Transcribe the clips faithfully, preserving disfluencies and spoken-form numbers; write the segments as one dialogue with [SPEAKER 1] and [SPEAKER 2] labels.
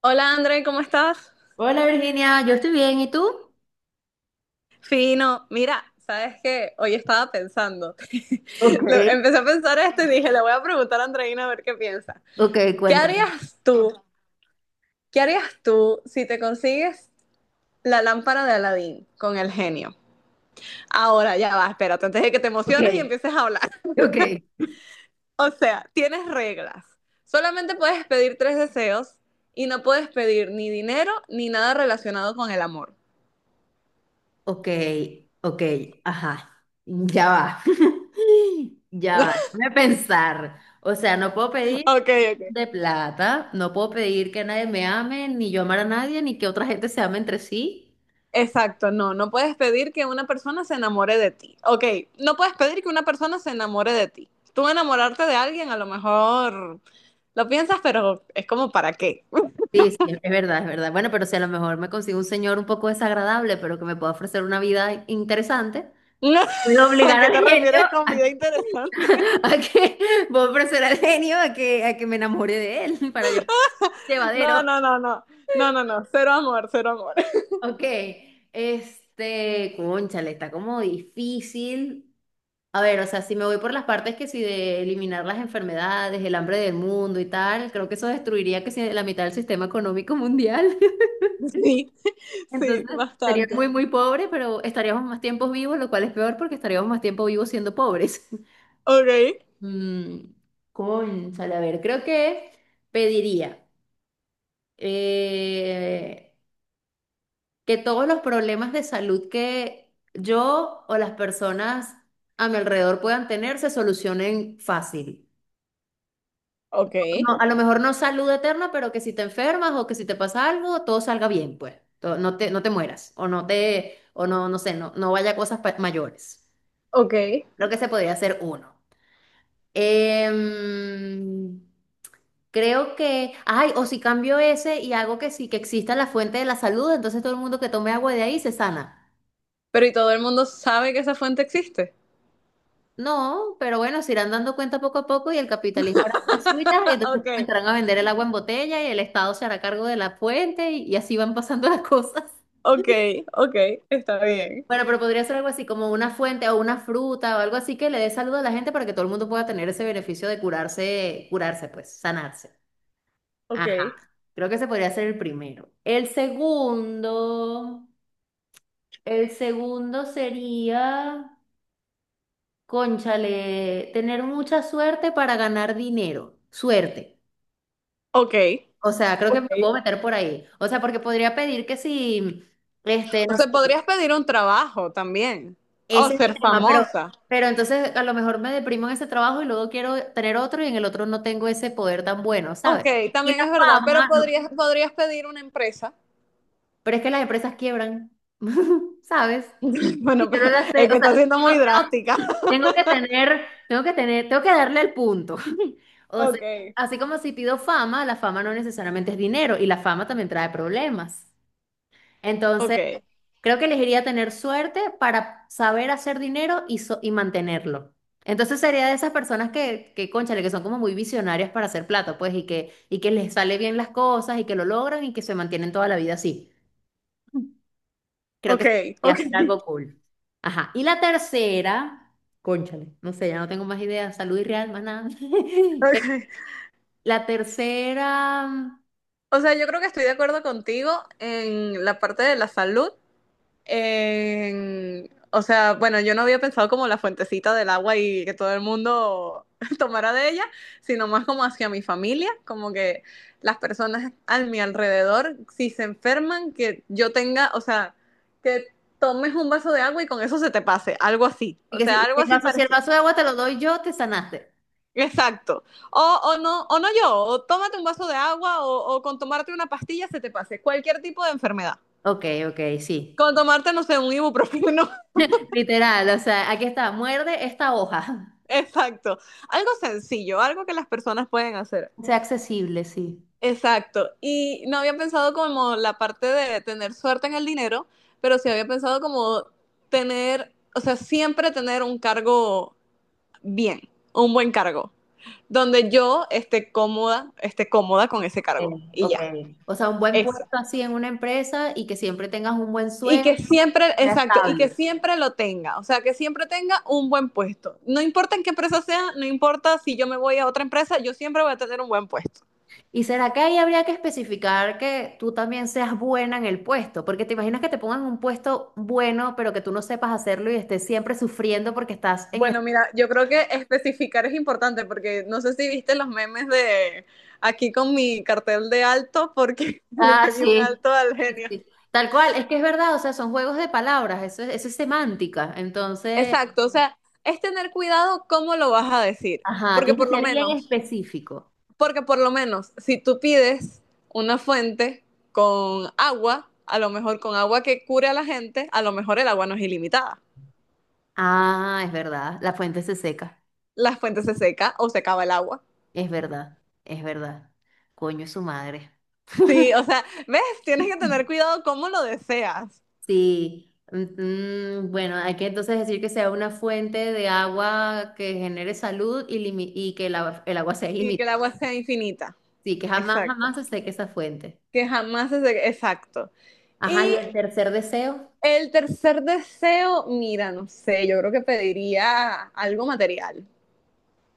[SPEAKER 1] Hola André, ¿cómo estás?
[SPEAKER 2] Hola Virginia, yo estoy bien, ¿y tú?
[SPEAKER 1] Fino, mira, sabes que hoy estaba pensando,
[SPEAKER 2] Ok.
[SPEAKER 1] Lo- empecé a pensar esto y dije, le voy a preguntar a Andreina a ver qué piensa.
[SPEAKER 2] Ok,
[SPEAKER 1] ¿Qué
[SPEAKER 2] cuéntame.
[SPEAKER 1] harías tú? ¿Qué harías tú si te consigues la lámpara de Aladín con el genio? Ahora ya va, espérate, antes de que te
[SPEAKER 2] Ok,
[SPEAKER 1] emociones y empieces a hablar.
[SPEAKER 2] ok.
[SPEAKER 1] O sea, tienes reglas. Solamente puedes pedir tres deseos y no puedes pedir ni dinero ni nada relacionado con el amor.
[SPEAKER 2] Ok, ok, ajá, ya va, ya va, déjame pensar. O sea, no puedo pedir
[SPEAKER 1] Ok, ok.
[SPEAKER 2] de plata, no puedo pedir que nadie me ame, ni yo amar a nadie, ni que otra gente se ame entre sí.
[SPEAKER 1] Exacto, no, no puedes pedir que una persona se enamore de ti. Ok, no puedes pedir que una persona se enamore de ti. Tú enamorarte de alguien a lo mejor lo piensas, pero es como para qué.
[SPEAKER 2] Sí, sí, es verdad, es verdad. Bueno, pero si a lo mejor me consigo un señor un poco desagradable, pero que me pueda ofrecer una vida interesante,
[SPEAKER 1] No,
[SPEAKER 2] puedo
[SPEAKER 1] ¿a
[SPEAKER 2] obligar
[SPEAKER 1] qué
[SPEAKER 2] al
[SPEAKER 1] te
[SPEAKER 2] genio.
[SPEAKER 1] refieres con vida interesante?
[SPEAKER 2] A que voy a ofrecer al genio a que, a que me enamore de él para yo
[SPEAKER 1] No,
[SPEAKER 2] llevadero.
[SPEAKER 1] no, no, no, no, no, no, cero amor, cero amor.
[SPEAKER 2] Ok, este, cónchale, está como difícil. A ver, o sea, si me voy por las partes que si de eliminar las enfermedades, el hambre del mundo y tal, creo que eso destruiría que si la mitad del sistema económico mundial.
[SPEAKER 1] Sí,
[SPEAKER 2] Entonces,
[SPEAKER 1] sí,
[SPEAKER 2] sería
[SPEAKER 1] bastante.
[SPEAKER 2] muy, muy pobre, pero estaríamos más tiempos vivos, lo cual es peor porque estaríamos más tiempo vivos siendo pobres.
[SPEAKER 1] Ok,
[SPEAKER 2] Mm, cónchale, a ver, creo que pediría. eh, que todos los problemas de salud que yo o las personas a mi alrededor puedan tener se solucionen fácil.
[SPEAKER 1] ok,
[SPEAKER 2] No, a lo mejor no salud eterna, pero que si te enfermas o que si te pasa algo, todo salga bien, pues. To- No te, no te mueras o no te, o no, no sé, no, no vaya a cosas pa- mayores.
[SPEAKER 1] ok.
[SPEAKER 2] Creo que se podría hacer uno. Em, Creo que, ay, o si cambio ese y hago que sí, que exista la fuente de la salud, entonces todo el mundo que tome agua de ahí se sana.
[SPEAKER 1] Pero ¿y todo el mundo sabe que esa fuente existe?
[SPEAKER 2] No, pero bueno, se irán dando cuenta poco a poco y el capitalismo hará las suyas, y entonces
[SPEAKER 1] Ok,
[SPEAKER 2] comenzarán a vender el agua en botella y el Estado se hará cargo de la fuente y, y así van pasando las cosas.
[SPEAKER 1] ok, ok, está bien.
[SPEAKER 2] Bueno, pero podría ser algo así como una fuente o una fruta o algo así que le dé salud a la gente para que todo el mundo pueda tener ese beneficio de curarse, curarse pues, sanarse. Ajá.
[SPEAKER 1] Ok,
[SPEAKER 2] Creo que ese podría ser el primero. El segundo, el segundo sería, cónchale, tener mucha suerte para ganar dinero. Suerte.
[SPEAKER 1] ok.
[SPEAKER 2] O sea, creo que me
[SPEAKER 1] Ok.
[SPEAKER 2] puedo meter por ahí. O sea, porque podría pedir que si, este,
[SPEAKER 1] O
[SPEAKER 2] no sé,
[SPEAKER 1] sea, podrías pedir un trabajo también. O
[SPEAKER 2] ese es el
[SPEAKER 1] ser
[SPEAKER 2] tema, pero,
[SPEAKER 1] famosa.
[SPEAKER 2] pero entonces a lo mejor me deprimo en ese trabajo y luego quiero tener otro y en el otro no tengo ese poder tan bueno, ¿sabes?
[SPEAKER 1] Ok,
[SPEAKER 2] Y
[SPEAKER 1] también
[SPEAKER 2] la
[SPEAKER 1] es verdad, pero
[SPEAKER 2] fama, no,
[SPEAKER 1] podrías, podrías pedir una empresa.
[SPEAKER 2] pero es que las empresas quiebran, ¿sabes? Si
[SPEAKER 1] Bueno,
[SPEAKER 2] yo no
[SPEAKER 1] pero
[SPEAKER 2] la sé,
[SPEAKER 1] es que
[SPEAKER 2] o sea,
[SPEAKER 1] está siendo muy
[SPEAKER 2] tengo, tengo-
[SPEAKER 1] drástica.
[SPEAKER 2] tengo que tener, tengo que tener, tengo que darle el punto. O sea,
[SPEAKER 1] Ok,
[SPEAKER 2] así como si pido fama, la fama no necesariamente es dinero y la fama también trae problemas.
[SPEAKER 1] ok,
[SPEAKER 2] Entonces, creo que elegiría tener suerte para saber hacer dinero y, so- y mantenerlo. Entonces sería de esas personas que, que, cónchale, que son como muy visionarias para hacer plata, pues, y que, y que les sale bien las cosas y que lo logran y que se mantienen toda la vida así. Creo que
[SPEAKER 1] ok,
[SPEAKER 2] sería
[SPEAKER 1] ok,
[SPEAKER 2] hacer algo cool. Ajá. Y la tercera, cónchale, no sé, ya no tengo más ideas, salud y real, más nada. Eh,
[SPEAKER 1] ok.
[SPEAKER 2] La tercera, mm,
[SPEAKER 1] O sea, yo creo que estoy de acuerdo contigo en la parte de la salud, en- o sea, bueno, yo no había pensado como la fuentecita del agua y que todo el mundo tomara de ella, sino más como hacia mi familia, como que las personas a mi alrededor, si se enferman, que yo tenga, o sea, que tomes un vaso de agua y con eso se te pase, algo así,
[SPEAKER 2] y
[SPEAKER 1] o
[SPEAKER 2] que si,
[SPEAKER 1] sea,
[SPEAKER 2] si
[SPEAKER 1] algo
[SPEAKER 2] el
[SPEAKER 1] así
[SPEAKER 2] vaso si el
[SPEAKER 1] parecido.
[SPEAKER 2] vaso de agua te lo doy yo, te sanaste.
[SPEAKER 1] Exacto. O, o no, o no yo, o tómate un vaso de agua o, o con tomarte una pastilla se te pase, cualquier tipo de enfermedad.
[SPEAKER 2] Ok, ok, sí.
[SPEAKER 1] Con tomarte, no sé, un ibuprofeno.
[SPEAKER 2] Literal, o sea, aquí está, muerde esta hoja.
[SPEAKER 1] Exacto. Algo sencillo, algo que las personas pueden hacer.
[SPEAKER 2] Sea accesible, sí.
[SPEAKER 1] Exacto. Y no había pensado como la parte de tener suerte en el dinero, pero sí había pensado como tener, o sea, siempre tener un cargo bien, un buen cargo, donde yo esté cómoda, esté cómoda con ese
[SPEAKER 2] Eh,
[SPEAKER 1] cargo. Y
[SPEAKER 2] ok.
[SPEAKER 1] ya,
[SPEAKER 2] O sea, un buen
[SPEAKER 1] eso.
[SPEAKER 2] puesto así en una empresa y que siempre tengas un buen
[SPEAKER 1] Y
[SPEAKER 2] sueldo,
[SPEAKER 1] que siempre,
[SPEAKER 2] que sea
[SPEAKER 1] exacto, y que
[SPEAKER 2] estable.
[SPEAKER 1] siempre lo tenga, o sea, que siempre tenga un buen puesto. No importa en qué empresa sea, no importa si yo me voy a otra empresa, yo siempre voy a tener un buen puesto.
[SPEAKER 2] ¿Y será que ahí habría que especificar que tú también seas buena en el puesto? Porque te imaginas que te pongan un puesto bueno, pero que tú no sepas hacerlo y estés siempre sufriendo porque estás en eso.
[SPEAKER 1] Bueno, mira, yo creo que especificar es importante porque no sé si viste los memes de aquí con mi cartel de alto porque le
[SPEAKER 2] Ah,
[SPEAKER 1] pedí un
[SPEAKER 2] sí.
[SPEAKER 1] alto al
[SPEAKER 2] Sí,
[SPEAKER 1] genio.
[SPEAKER 2] sí. Tal cual, es que es verdad, o sea, son juegos de palabras, eso es, eso es semántica. Entonces,
[SPEAKER 1] Exacto, o sea, es tener cuidado cómo lo vas a decir,
[SPEAKER 2] ajá,
[SPEAKER 1] porque
[SPEAKER 2] tienes
[SPEAKER 1] por
[SPEAKER 2] que
[SPEAKER 1] lo
[SPEAKER 2] ser bien
[SPEAKER 1] menos,
[SPEAKER 2] específico.
[SPEAKER 1] porque por lo menos, si tú pides una fuente con agua, a lo mejor con agua que cure a la gente, a lo mejor el agua no es ilimitada.
[SPEAKER 2] Ah, es verdad. La fuente se seca.
[SPEAKER 1] La fuente se seca o se acaba el agua.
[SPEAKER 2] Es verdad. Es verdad. Coño, es su madre.
[SPEAKER 1] Sí, o sea, ves, tienes que tener cuidado cómo lo deseas.
[SPEAKER 2] Sí. Mm, mm, bueno, hay que entonces decir que sea una fuente de agua que genere salud y, limi- y que el agua, el agua sea
[SPEAKER 1] Y que
[SPEAKER 2] ilimitada.
[SPEAKER 1] el agua sea infinita.
[SPEAKER 2] Sí, que jamás,
[SPEAKER 1] Exacto.
[SPEAKER 2] jamás se seque esa fuente.
[SPEAKER 1] Que jamás se... seque. Exacto.
[SPEAKER 2] Ajá, y
[SPEAKER 1] Y
[SPEAKER 2] el tercer deseo.
[SPEAKER 1] el tercer deseo, mira, no sé, yo creo que pediría algo material.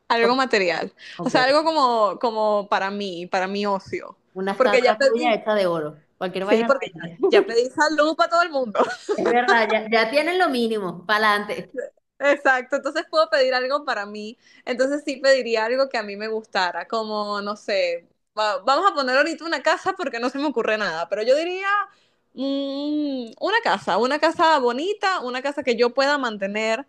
[SPEAKER 1] Algo
[SPEAKER 2] o-
[SPEAKER 1] material. O
[SPEAKER 2] ok.
[SPEAKER 1] sea, algo como, como para mí, para mi ocio.
[SPEAKER 2] Una
[SPEAKER 1] Porque ya
[SPEAKER 2] estatua tuya
[SPEAKER 1] pedí,
[SPEAKER 2] hecha de oro. Cualquier
[SPEAKER 1] sí,
[SPEAKER 2] vaina la
[SPEAKER 1] porque
[SPEAKER 2] vende.
[SPEAKER 1] ya, ya pedí salud para todo el mundo.
[SPEAKER 2] Es verdad, ya, ya tienen lo mínimo. Para adelante.
[SPEAKER 1] Exacto, entonces puedo pedir algo para mí. Entonces sí pediría algo que a mí me gustara, como, no sé, va- vamos a poner ahorita una casa porque no se me ocurre nada, pero yo diría mm, una casa, una casa bonita, una casa que yo pueda mantener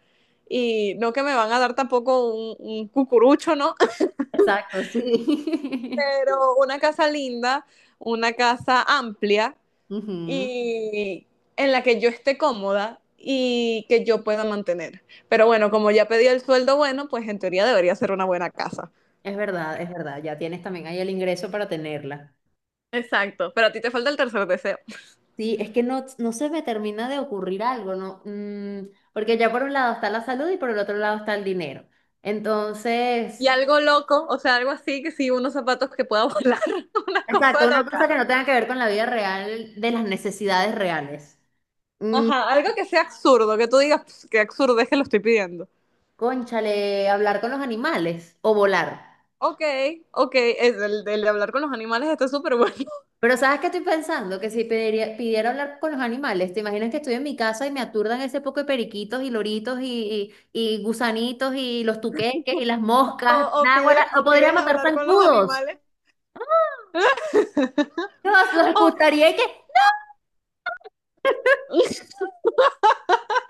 [SPEAKER 1] y no que me van a dar tampoco un, un cucurucho, ¿no?
[SPEAKER 2] Exacto, sí.
[SPEAKER 1] Pero una casa linda, una casa amplia
[SPEAKER 2] Ujú.
[SPEAKER 1] y en la que yo esté cómoda y que yo pueda mantener. Pero bueno, como ya pedí el sueldo bueno, pues en teoría debería ser una buena casa.
[SPEAKER 2] Es verdad, es verdad, ya tienes también ahí el ingreso para tenerla.
[SPEAKER 1] Exacto, pero a ti te falta el tercer deseo.
[SPEAKER 2] Sí, es que no, no se me termina de ocurrir algo, ¿no? Mm, porque ya por un lado está la salud y por el otro lado está el dinero.
[SPEAKER 1] Y
[SPEAKER 2] Entonces,
[SPEAKER 1] algo loco, o sea, algo así que sí, unos zapatos que pueda volar, una
[SPEAKER 2] exacto,
[SPEAKER 1] cosa
[SPEAKER 2] una cosa
[SPEAKER 1] loca.
[SPEAKER 2] que no tenga que ver con la vida real, de las necesidades reales. Mm,
[SPEAKER 1] Ajá, algo que sea absurdo, que tú digas "Pss, qué absurdo es que lo estoy pidiendo".
[SPEAKER 2] Cónchale, hablar con los animales o volar.
[SPEAKER 1] Ok, ok, es el, el de hablar con los animales está súper bueno.
[SPEAKER 2] Pero ¿sabes qué estoy pensando? Que si pediría- pidiera hablar con los animales, ¿te imaginas que estoy en mi casa y me aturdan ese poco de periquitos y loritos y, y, y gusanitos y los tuqueques y las moscas?
[SPEAKER 1] O, o,
[SPEAKER 2] Náguara,
[SPEAKER 1] pide-
[SPEAKER 2] no
[SPEAKER 1] o
[SPEAKER 2] podría
[SPEAKER 1] pides
[SPEAKER 2] matar
[SPEAKER 1] hablar con los
[SPEAKER 2] zancudos.
[SPEAKER 1] animales.
[SPEAKER 2] Dios, los
[SPEAKER 1] O-
[SPEAKER 2] escucharía que,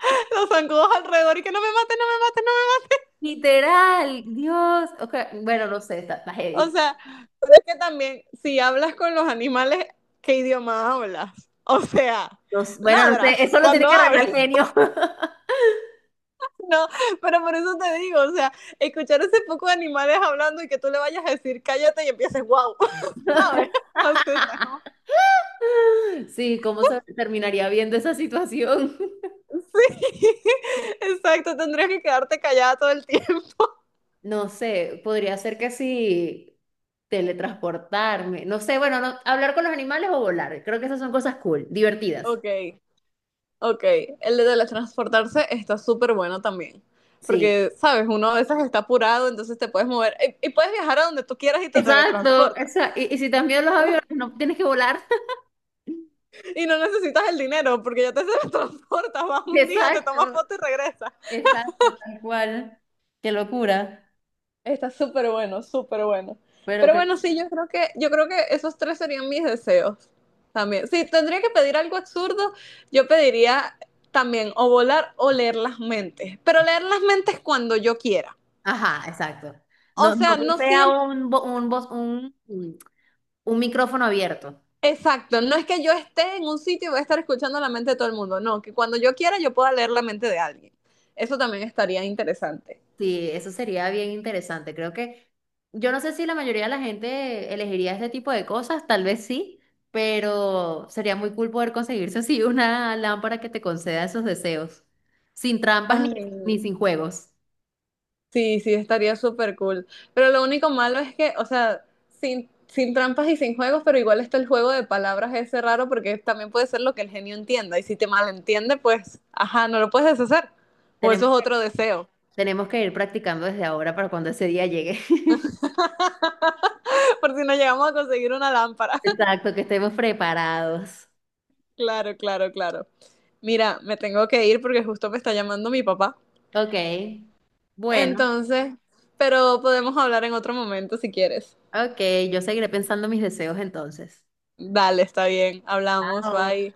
[SPEAKER 1] los zancudos alrededor y que no me maten, no me maten,
[SPEAKER 2] literal, Dios. Ok, bueno, no sé, está, está
[SPEAKER 1] no me. O
[SPEAKER 2] heavy.
[SPEAKER 1] sea, es que también, si hablas con los animales, ¿qué idioma hablas? O sea,
[SPEAKER 2] No s- bueno, no sé,
[SPEAKER 1] ladras
[SPEAKER 2] eso lo tiene
[SPEAKER 1] cuando
[SPEAKER 2] que arreglar
[SPEAKER 1] hablas,
[SPEAKER 2] el genio.
[SPEAKER 1] ¿no? Pero por eso te digo, o sea, escuchar ese poco de animales hablando y que tú le vayas a decir cállate y empieces, wow, ¿sabes? O sea, está como,
[SPEAKER 2] Sí, ¿cómo se terminaría viendo esa situación?
[SPEAKER 1] sí, exacto, tendrías que quedarte callada todo el tiempo.
[SPEAKER 2] No sé, podría ser que sí teletransportarme. No sé, bueno, no, hablar con los animales o volar. Creo que esas son cosas cool, divertidas.
[SPEAKER 1] Ok, ok, el de teletransportarse está súper bueno también.
[SPEAKER 2] Sí.
[SPEAKER 1] Porque, sabes, uno a veces está apurado, entonces te puedes mover y, y puedes viajar a donde tú quieras y te
[SPEAKER 2] Exacto,
[SPEAKER 1] teletransportas.
[SPEAKER 2] exacto. Y, y si también los aviones, no tienes que volar.
[SPEAKER 1] Y no necesitas el dinero porque ya te teletransportas, vas un día, te tomas
[SPEAKER 2] Exacto,
[SPEAKER 1] foto y regresas.
[SPEAKER 2] exacto, tal cual. Qué locura.
[SPEAKER 1] Está súper bueno, súper bueno.
[SPEAKER 2] Pero
[SPEAKER 1] Pero
[SPEAKER 2] creo.
[SPEAKER 1] bueno, sí, yo creo que, yo creo que esos tres serían mis deseos también. Si tendría que pedir algo absurdo, yo pediría también o volar o leer las mentes. Pero leer las mentes cuando yo quiera.
[SPEAKER 2] Ajá, exacto.
[SPEAKER 1] O
[SPEAKER 2] No, no
[SPEAKER 1] sea,
[SPEAKER 2] que
[SPEAKER 1] no
[SPEAKER 2] sea
[SPEAKER 1] siempre.
[SPEAKER 2] un, bo- un, bos- un, un micrófono abierto.
[SPEAKER 1] Exacto, no es que yo esté en un sitio y voy a estar escuchando la mente de todo el mundo, no, que cuando yo quiera yo pueda leer la mente de alguien. Eso también estaría interesante.
[SPEAKER 2] Sí, eso sería bien interesante. Creo que yo no sé si la mayoría de la gente elegiría este tipo de cosas, tal vez sí, pero sería muy cool poder conseguirse así una lámpara que te conceda esos deseos, sin trampas ni,
[SPEAKER 1] Ay,
[SPEAKER 2] ni sin juegos.
[SPEAKER 1] sí, sí, estaría súper cool. Pero lo único malo es que, o sea, sin, sin trampas y sin juegos, pero igual está el juego de palabras ese raro porque también puede ser lo que el genio entienda. Y si te malentiende, pues, ajá, no lo puedes deshacer. O eso
[SPEAKER 2] Tenemos,
[SPEAKER 1] es otro deseo.
[SPEAKER 2] Tenemos que ir practicando desde ahora para cuando ese día llegue.
[SPEAKER 1] Por si no llegamos a conseguir una lámpara.
[SPEAKER 2] Exacto, que estemos preparados.
[SPEAKER 1] Claro, claro, claro. Mira, me tengo que ir porque justo me está llamando mi papá.
[SPEAKER 2] Ok, bueno,
[SPEAKER 1] Entonces, pero podemos hablar en otro momento si quieres.
[SPEAKER 2] ok, yo seguiré pensando mis deseos entonces.
[SPEAKER 1] Dale, está bien. Hablamos,
[SPEAKER 2] Chao.
[SPEAKER 1] bye.